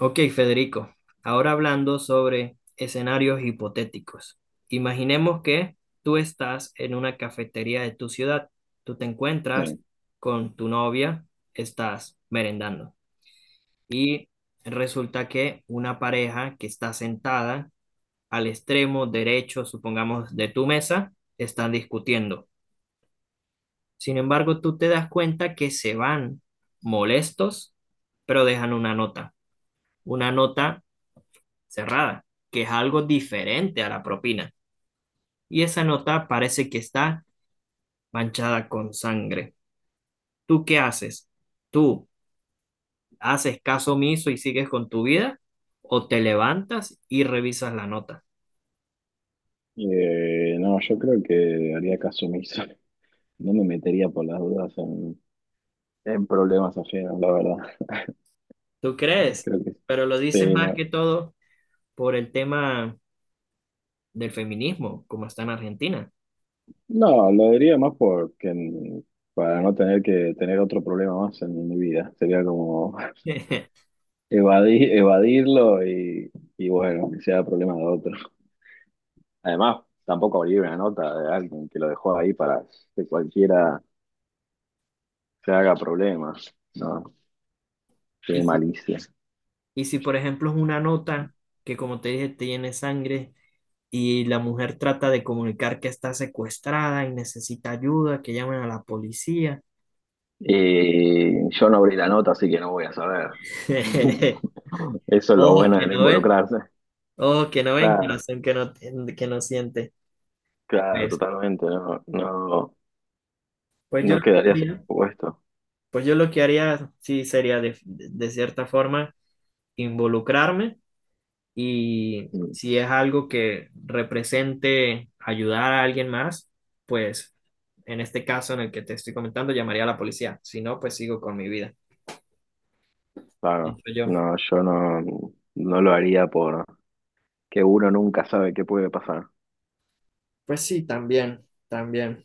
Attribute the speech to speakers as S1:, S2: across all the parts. S1: Ok, Federico, ahora hablando sobre escenarios hipotéticos. Imaginemos que tú estás en una cafetería de tu ciudad, tú te encuentras
S2: Sí.
S1: con tu novia, estás merendando y resulta que una pareja que está sentada al extremo derecho, supongamos, de tu mesa, están discutiendo. Sin embargo, tú te das cuenta que se van molestos, pero dejan una nota cerrada, que es algo diferente a la propina. Y esa nota parece que está manchada con sangre. ¿Tú qué haces? ¿Tú haces caso omiso y sigues con tu vida? ¿O te levantas y revisas la nota?
S2: No, yo creo que haría caso omiso. No me metería por las dudas en problemas ajenos, la verdad.
S1: ¿Tú crees?
S2: Creo que
S1: Pero lo dices
S2: sí,
S1: más
S2: no.
S1: que todo por el tema del feminismo, como está en Argentina.
S2: No, lo diría más porque para no tener que tener otro problema más en mi vida. Sería como evadirlo y bueno, que sea problema de otro. Además, tampoco abrir una nota de alguien que lo dejó ahí para que cualquiera se haga problemas. No,
S1: Y
S2: qué
S1: si,
S2: malicia.
S1: y si, por ejemplo, es una nota que, como te dije, tiene sangre, y la mujer trata de comunicar que está secuestrada y necesita ayuda, que llamen a la policía.
S2: Y yo no abrí la nota, así que no voy a saber. Eso es lo
S1: Ojos
S2: bueno de
S1: que
S2: no
S1: no ven,
S2: involucrarse.
S1: ojos que no ven,
S2: Claro,
S1: corazón que no, que no siente.
S2: claro,
S1: pues
S2: totalmente. No, no,
S1: Pues yo
S2: no
S1: lo que
S2: quedarías
S1: haría,
S2: expuesto.
S1: sí, sería de cierta forma involucrarme y
S2: Mm,
S1: si es algo que represente ayudar a alguien más, pues en este caso en el que te estoy comentando, llamaría a la policía. Si no, pues sigo con mi vida,
S2: claro.
S1: pienso yo.
S2: No, yo no, No lo haría por que uno nunca sabe qué puede pasar.
S1: Pues sí, también, también.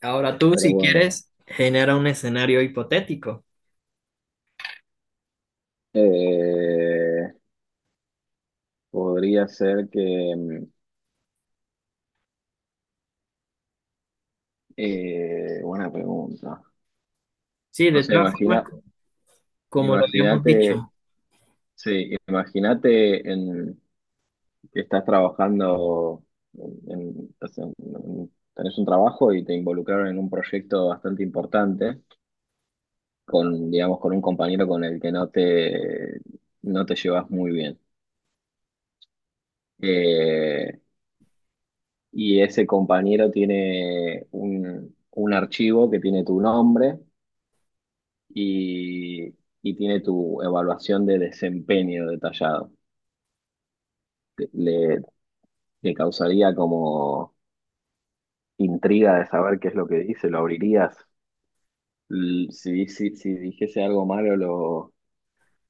S1: Ahora tú,
S2: Pero
S1: si
S2: bueno.
S1: quieres, genera un escenario hipotético.
S2: Eh, Podría ser que buena pregunta.
S1: Sí,
S2: No
S1: de
S2: sé,
S1: todas formas, como lo habíamos dicho.
S2: imagínate, sí, imagínate en que estás trabajando, tenés un trabajo y te involucraron en un proyecto bastante importante con, digamos, con un compañero con el que no te llevas muy bien. Eh, y ese compañero tiene un archivo que tiene tu nombre y, y tiene tu evaluación de desempeño detallado. Le, Le causaría como intriga de saber qué es lo que dice. ¿Lo abrirías? Si, si dijese algo malo,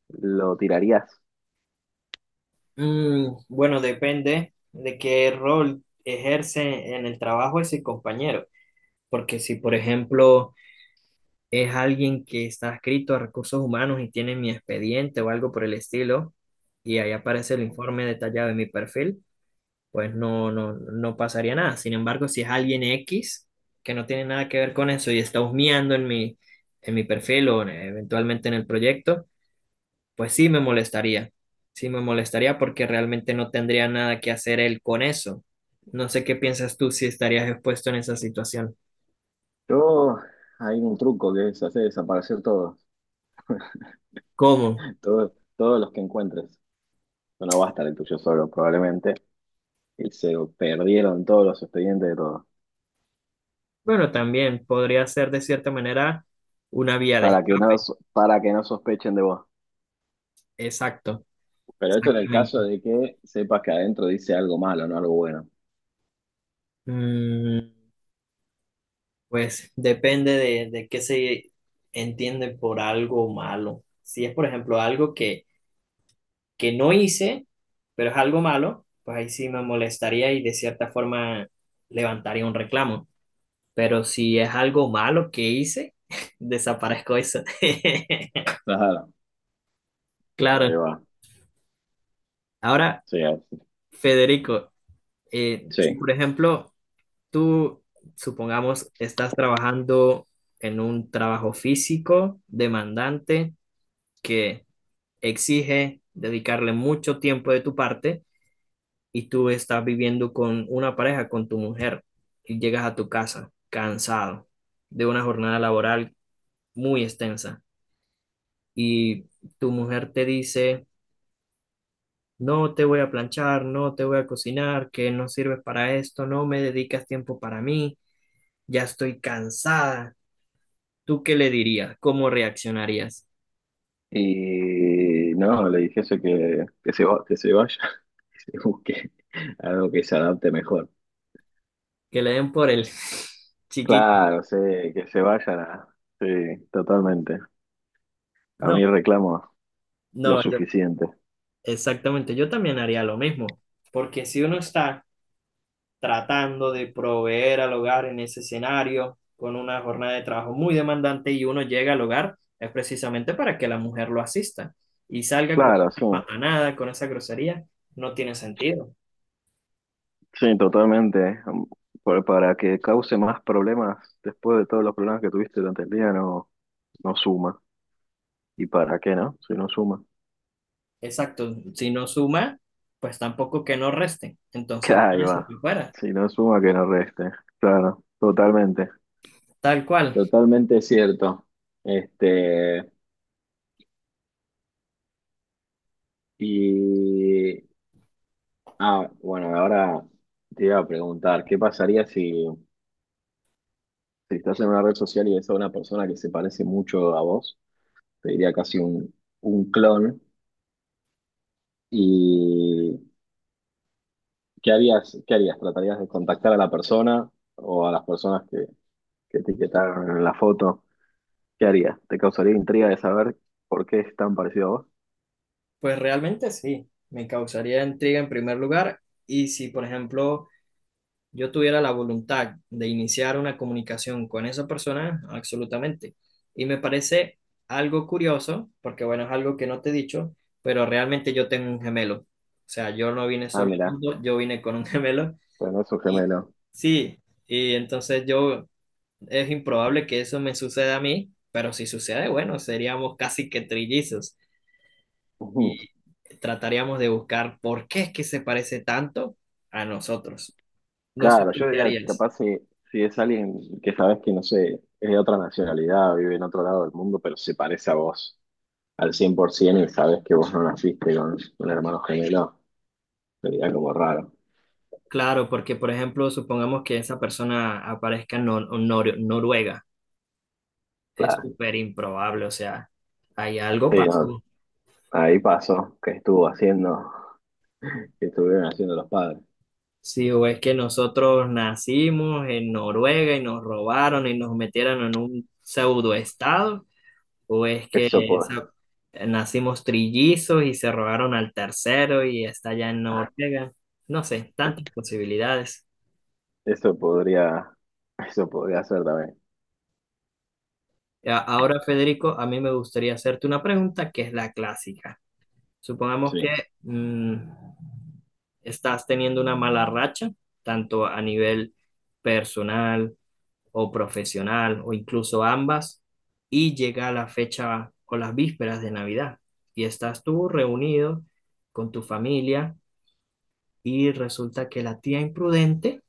S2: lo tirarías.
S1: Bueno, depende de qué rol ejerce en el trabajo ese compañero. Porque si, por ejemplo, es alguien que está adscrito a recursos humanos y tiene mi expediente o algo por el estilo, y ahí aparece el informe detallado de mi perfil, pues no pasaría nada. Sin embargo, si es alguien X que no tiene nada que ver con eso y está husmeando en mi perfil o eventualmente en el proyecto, pues sí me molestaría. Sí me molestaría porque realmente no tendría nada que hacer él con eso. No sé qué piensas tú si estarías expuesto en esa situación.
S2: Yo, hay un truco que es hacer desaparecer todo.
S1: ¿Cómo?
S2: Todos los que encuentres. No va a estar el tuyo solo, probablemente. Y se perdieron todos los expedientes de todos.
S1: Bueno, también podría ser de cierta manera una vía de escape.
S2: Para que no sospechen de vos.
S1: Exacto.
S2: Pero esto en el
S1: Exactamente.
S2: caso de que sepas que adentro dice algo malo, no algo bueno.
S1: Mm, Pues depende de qué se entiende por algo malo. Si es, por ejemplo, algo que no hice, pero es algo malo, pues ahí sí me molestaría y de cierta forma levantaría un reclamo. Pero si es algo malo que hice, desaparezco eso.
S2: Claro.
S1: Claro.
S2: Ahí va.
S1: Ahora,
S2: Sí, así.
S1: Federico, si
S2: Sí.
S1: por ejemplo tú, supongamos, estás trabajando en un trabajo físico demandante que exige dedicarle mucho tiempo de tu parte y tú estás viviendo con una pareja, con tu mujer, y llegas a tu casa cansado de una jornada laboral muy extensa y tu mujer te dice, no te voy a planchar, no te voy a cocinar, que no sirves para esto, no me dedicas tiempo para mí, ya estoy cansada. ¿Tú qué le dirías? ¿Cómo reaccionarías?
S2: Y no, le dijese que se vaya, que se busque algo que se adapte mejor.
S1: Que le den por el chiquito.
S2: Claro, sí, que se vaya, sí, totalmente. A
S1: No,
S2: mí reclamo lo
S1: no, yo
S2: suficiente.
S1: exactamente, yo también haría lo mismo, porque si uno está tratando de proveer al hogar en ese escenario con una jornada de trabajo muy demandante y uno llega al hogar, es precisamente para que la mujer lo asista y salga con
S2: Claro, sí,
S1: esa patanada, con esa grosería, no tiene sentido.
S2: sí, totalmente. Para que cause más problemas después de todos los problemas que tuviste durante el día, no, no suma. ¿Y para qué no? Si no suma.
S1: Exacto, si no suma, pues tampoco que no reste,
S2: Que
S1: entonces
S2: ahí
S1: váyase
S2: va.
S1: por fuera.
S2: Si no suma, que no reste. Claro, totalmente.
S1: Tal cual,
S2: Totalmente cierto. Este, y ah, bueno, ahora te iba a preguntar, ¿qué pasaría si estás en una red social y ves a una persona que se parece mucho a vos? Te diría casi un clon. ¿Y qué harías? ¿Qué harías? ¿Tratarías de contactar a la persona o a las personas que te etiquetaron en la foto? ¿Qué harías? ¿Te causaría intriga de saber por qué es tan parecido a vos?
S1: pues realmente sí, me causaría intriga en primer lugar y si, por ejemplo, yo tuviera la voluntad de iniciar una comunicación con esa persona, absolutamente. Y me parece algo curioso, porque bueno, es algo que no te he dicho, pero realmente yo tengo un gemelo. O sea, yo no vine
S2: Ah,
S1: solo al
S2: mira,
S1: mundo, yo vine con un gemelo.
S2: bueno, es un
S1: Y
S2: gemelo.
S1: sí, y entonces yo, es improbable que eso me suceda a mí, pero si sucede, bueno, seríamos casi que trillizos y trataríamos de buscar por qué es que se parece tanto a nosotros. No sé
S2: Claro,
S1: tú
S2: yo
S1: qué
S2: diría,
S1: harías.
S2: capaz si es alguien que sabes que, no sé, es de otra nacionalidad, vive en otro lado del mundo, pero se parece a vos al 100% y sabes que vos no naciste con un hermano gemelo, sería como raro.
S1: Claro, porque por ejemplo, supongamos que esa persona aparezca en Noruega, es
S2: Claro,
S1: súper improbable, o sea, hay algo
S2: sí, no,
S1: pasó.
S2: ahí pasó, que estuvieron haciendo los padres.
S1: Sí, o es que nosotros nacimos en Noruega y nos robaron y nos metieron en un pseudo estado, o es que
S2: Eso, po-
S1: nacimos trillizos y se robaron al tercero y está allá en Noruega. No sé, tantas posibilidades.
S2: Eso podría, eso podría ser también,
S1: Ahora, Federico, a mí me gustaría hacerte una pregunta que es la clásica. Supongamos que
S2: sí.
S1: mm, estás teniendo una mala racha, tanto a nivel personal o profesional o incluso ambas, y llega la fecha o las vísperas de Navidad y estás tú reunido con tu familia y resulta que la tía imprudente,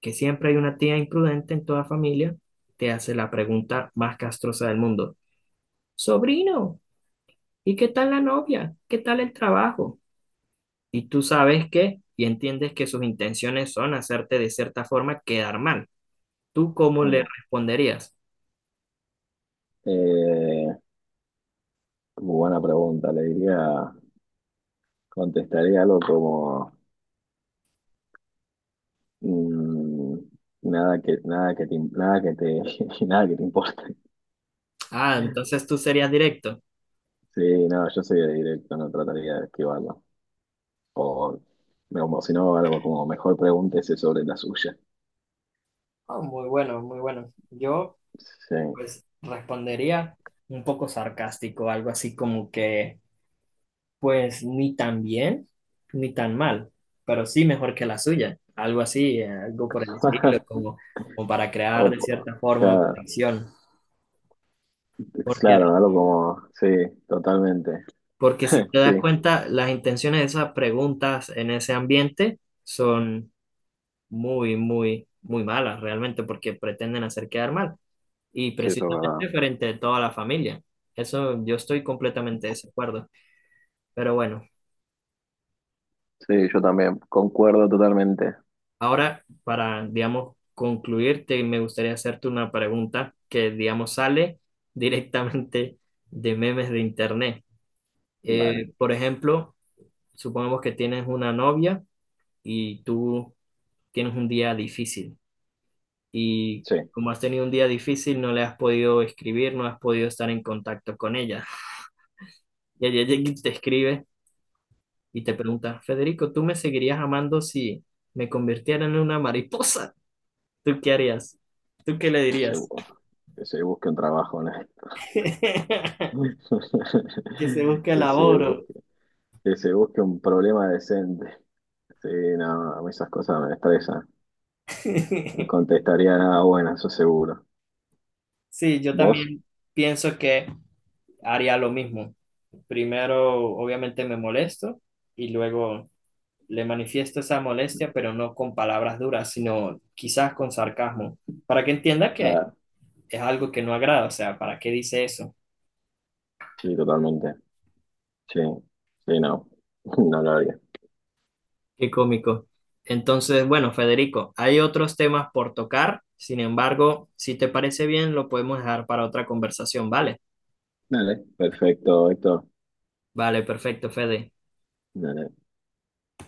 S1: que siempre hay una tía imprudente en toda familia, te hace la pregunta más castrosa del mundo. Sobrino, ¿y qué tal la novia? ¿Qué tal el trabajo? Y tú sabes que y entiendes que sus intenciones son hacerte de cierta forma quedar mal. ¿Tú cómo le
S2: Mm.
S1: responderías?
S2: Eh, Buena pregunta, contestaría algo como... Mm, nada que te, nada que te importe.
S1: Ah, entonces tú serías directo.
S2: Sí, no, yo soy de directo, no trataría de esquivarlo. O, o si no, algo como mejor pregúntese sobre la suya.
S1: Ah, muy bueno, muy bueno. Yo
S2: Sí.
S1: pues respondería un poco sarcástico, algo así como que pues ni tan bien ni tan mal, pero sí mejor que la suya, algo así, algo por el estilo, como, como para
S2: O,
S1: crear de cierta forma
S2: claro,
S1: fricción. Porque
S2: claro, algo como, sí, totalmente.
S1: Porque si te
S2: Sí,
S1: das cuenta, las intenciones de esas preguntas en ese ambiente son muy, muy, muy malas realmente porque pretenden hacer quedar mal. Y
S2: sí, eso es
S1: precisamente
S2: verdad.
S1: frente a toda la familia. Eso yo estoy completamente de desacuerdo. Pero bueno,
S2: Sí, yo también concuerdo totalmente.
S1: ahora para, digamos, concluirte, me gustaría hacerte una pregunta que, digamos, sale directamente de memes de internet.
S2: Dale,
S1: Por ejemplo, supongamos que tienes una novia y tú tienes un día difícil y
S2: sí,
S1: como has tenido un día difícil no le has podido escribir, no has podido estar en contacto con ella. Y ella llega y te escribe y te pregunta, Federico, ¿tú me seguirías amando si me convirtiera en una mariposa? ¿Tú qué harías? ¿Tú qué le
S2: que se,
S1: dirías?
S2: bu- que se busque un trabajo, ¿no?
S1: Que se busque
S2: Que se
S1: laboro.
S2: Que se busque un problema decente. Sí, no, a mí esas cosas me estresan. No contestaría nada bueno, eso seguro.
S1: Sí, yo
S2: ¿Vos?
S1: también pienso que haría lo mismo. Primero, obviamente, me molesto y luego le manifiesto esa molestia, pero no con palabras duras, sino quizás con sarcasmo, para que entienda que
S2: Nada,
S1: es algo que no agrada, o sea, ¿para qué dice eso?
S2: sí, totalmente. Sí, sí, no. No lo haría.
S1: Qué cómico. Entonces, bueno, Federico, hay otros temas por tocar, sin embargo, si te parece bien, lo podemos dejar para otra conversación, ¿vale?
S2: Dale, perfecto, esto.
S1: Vale, perfecto, Fede.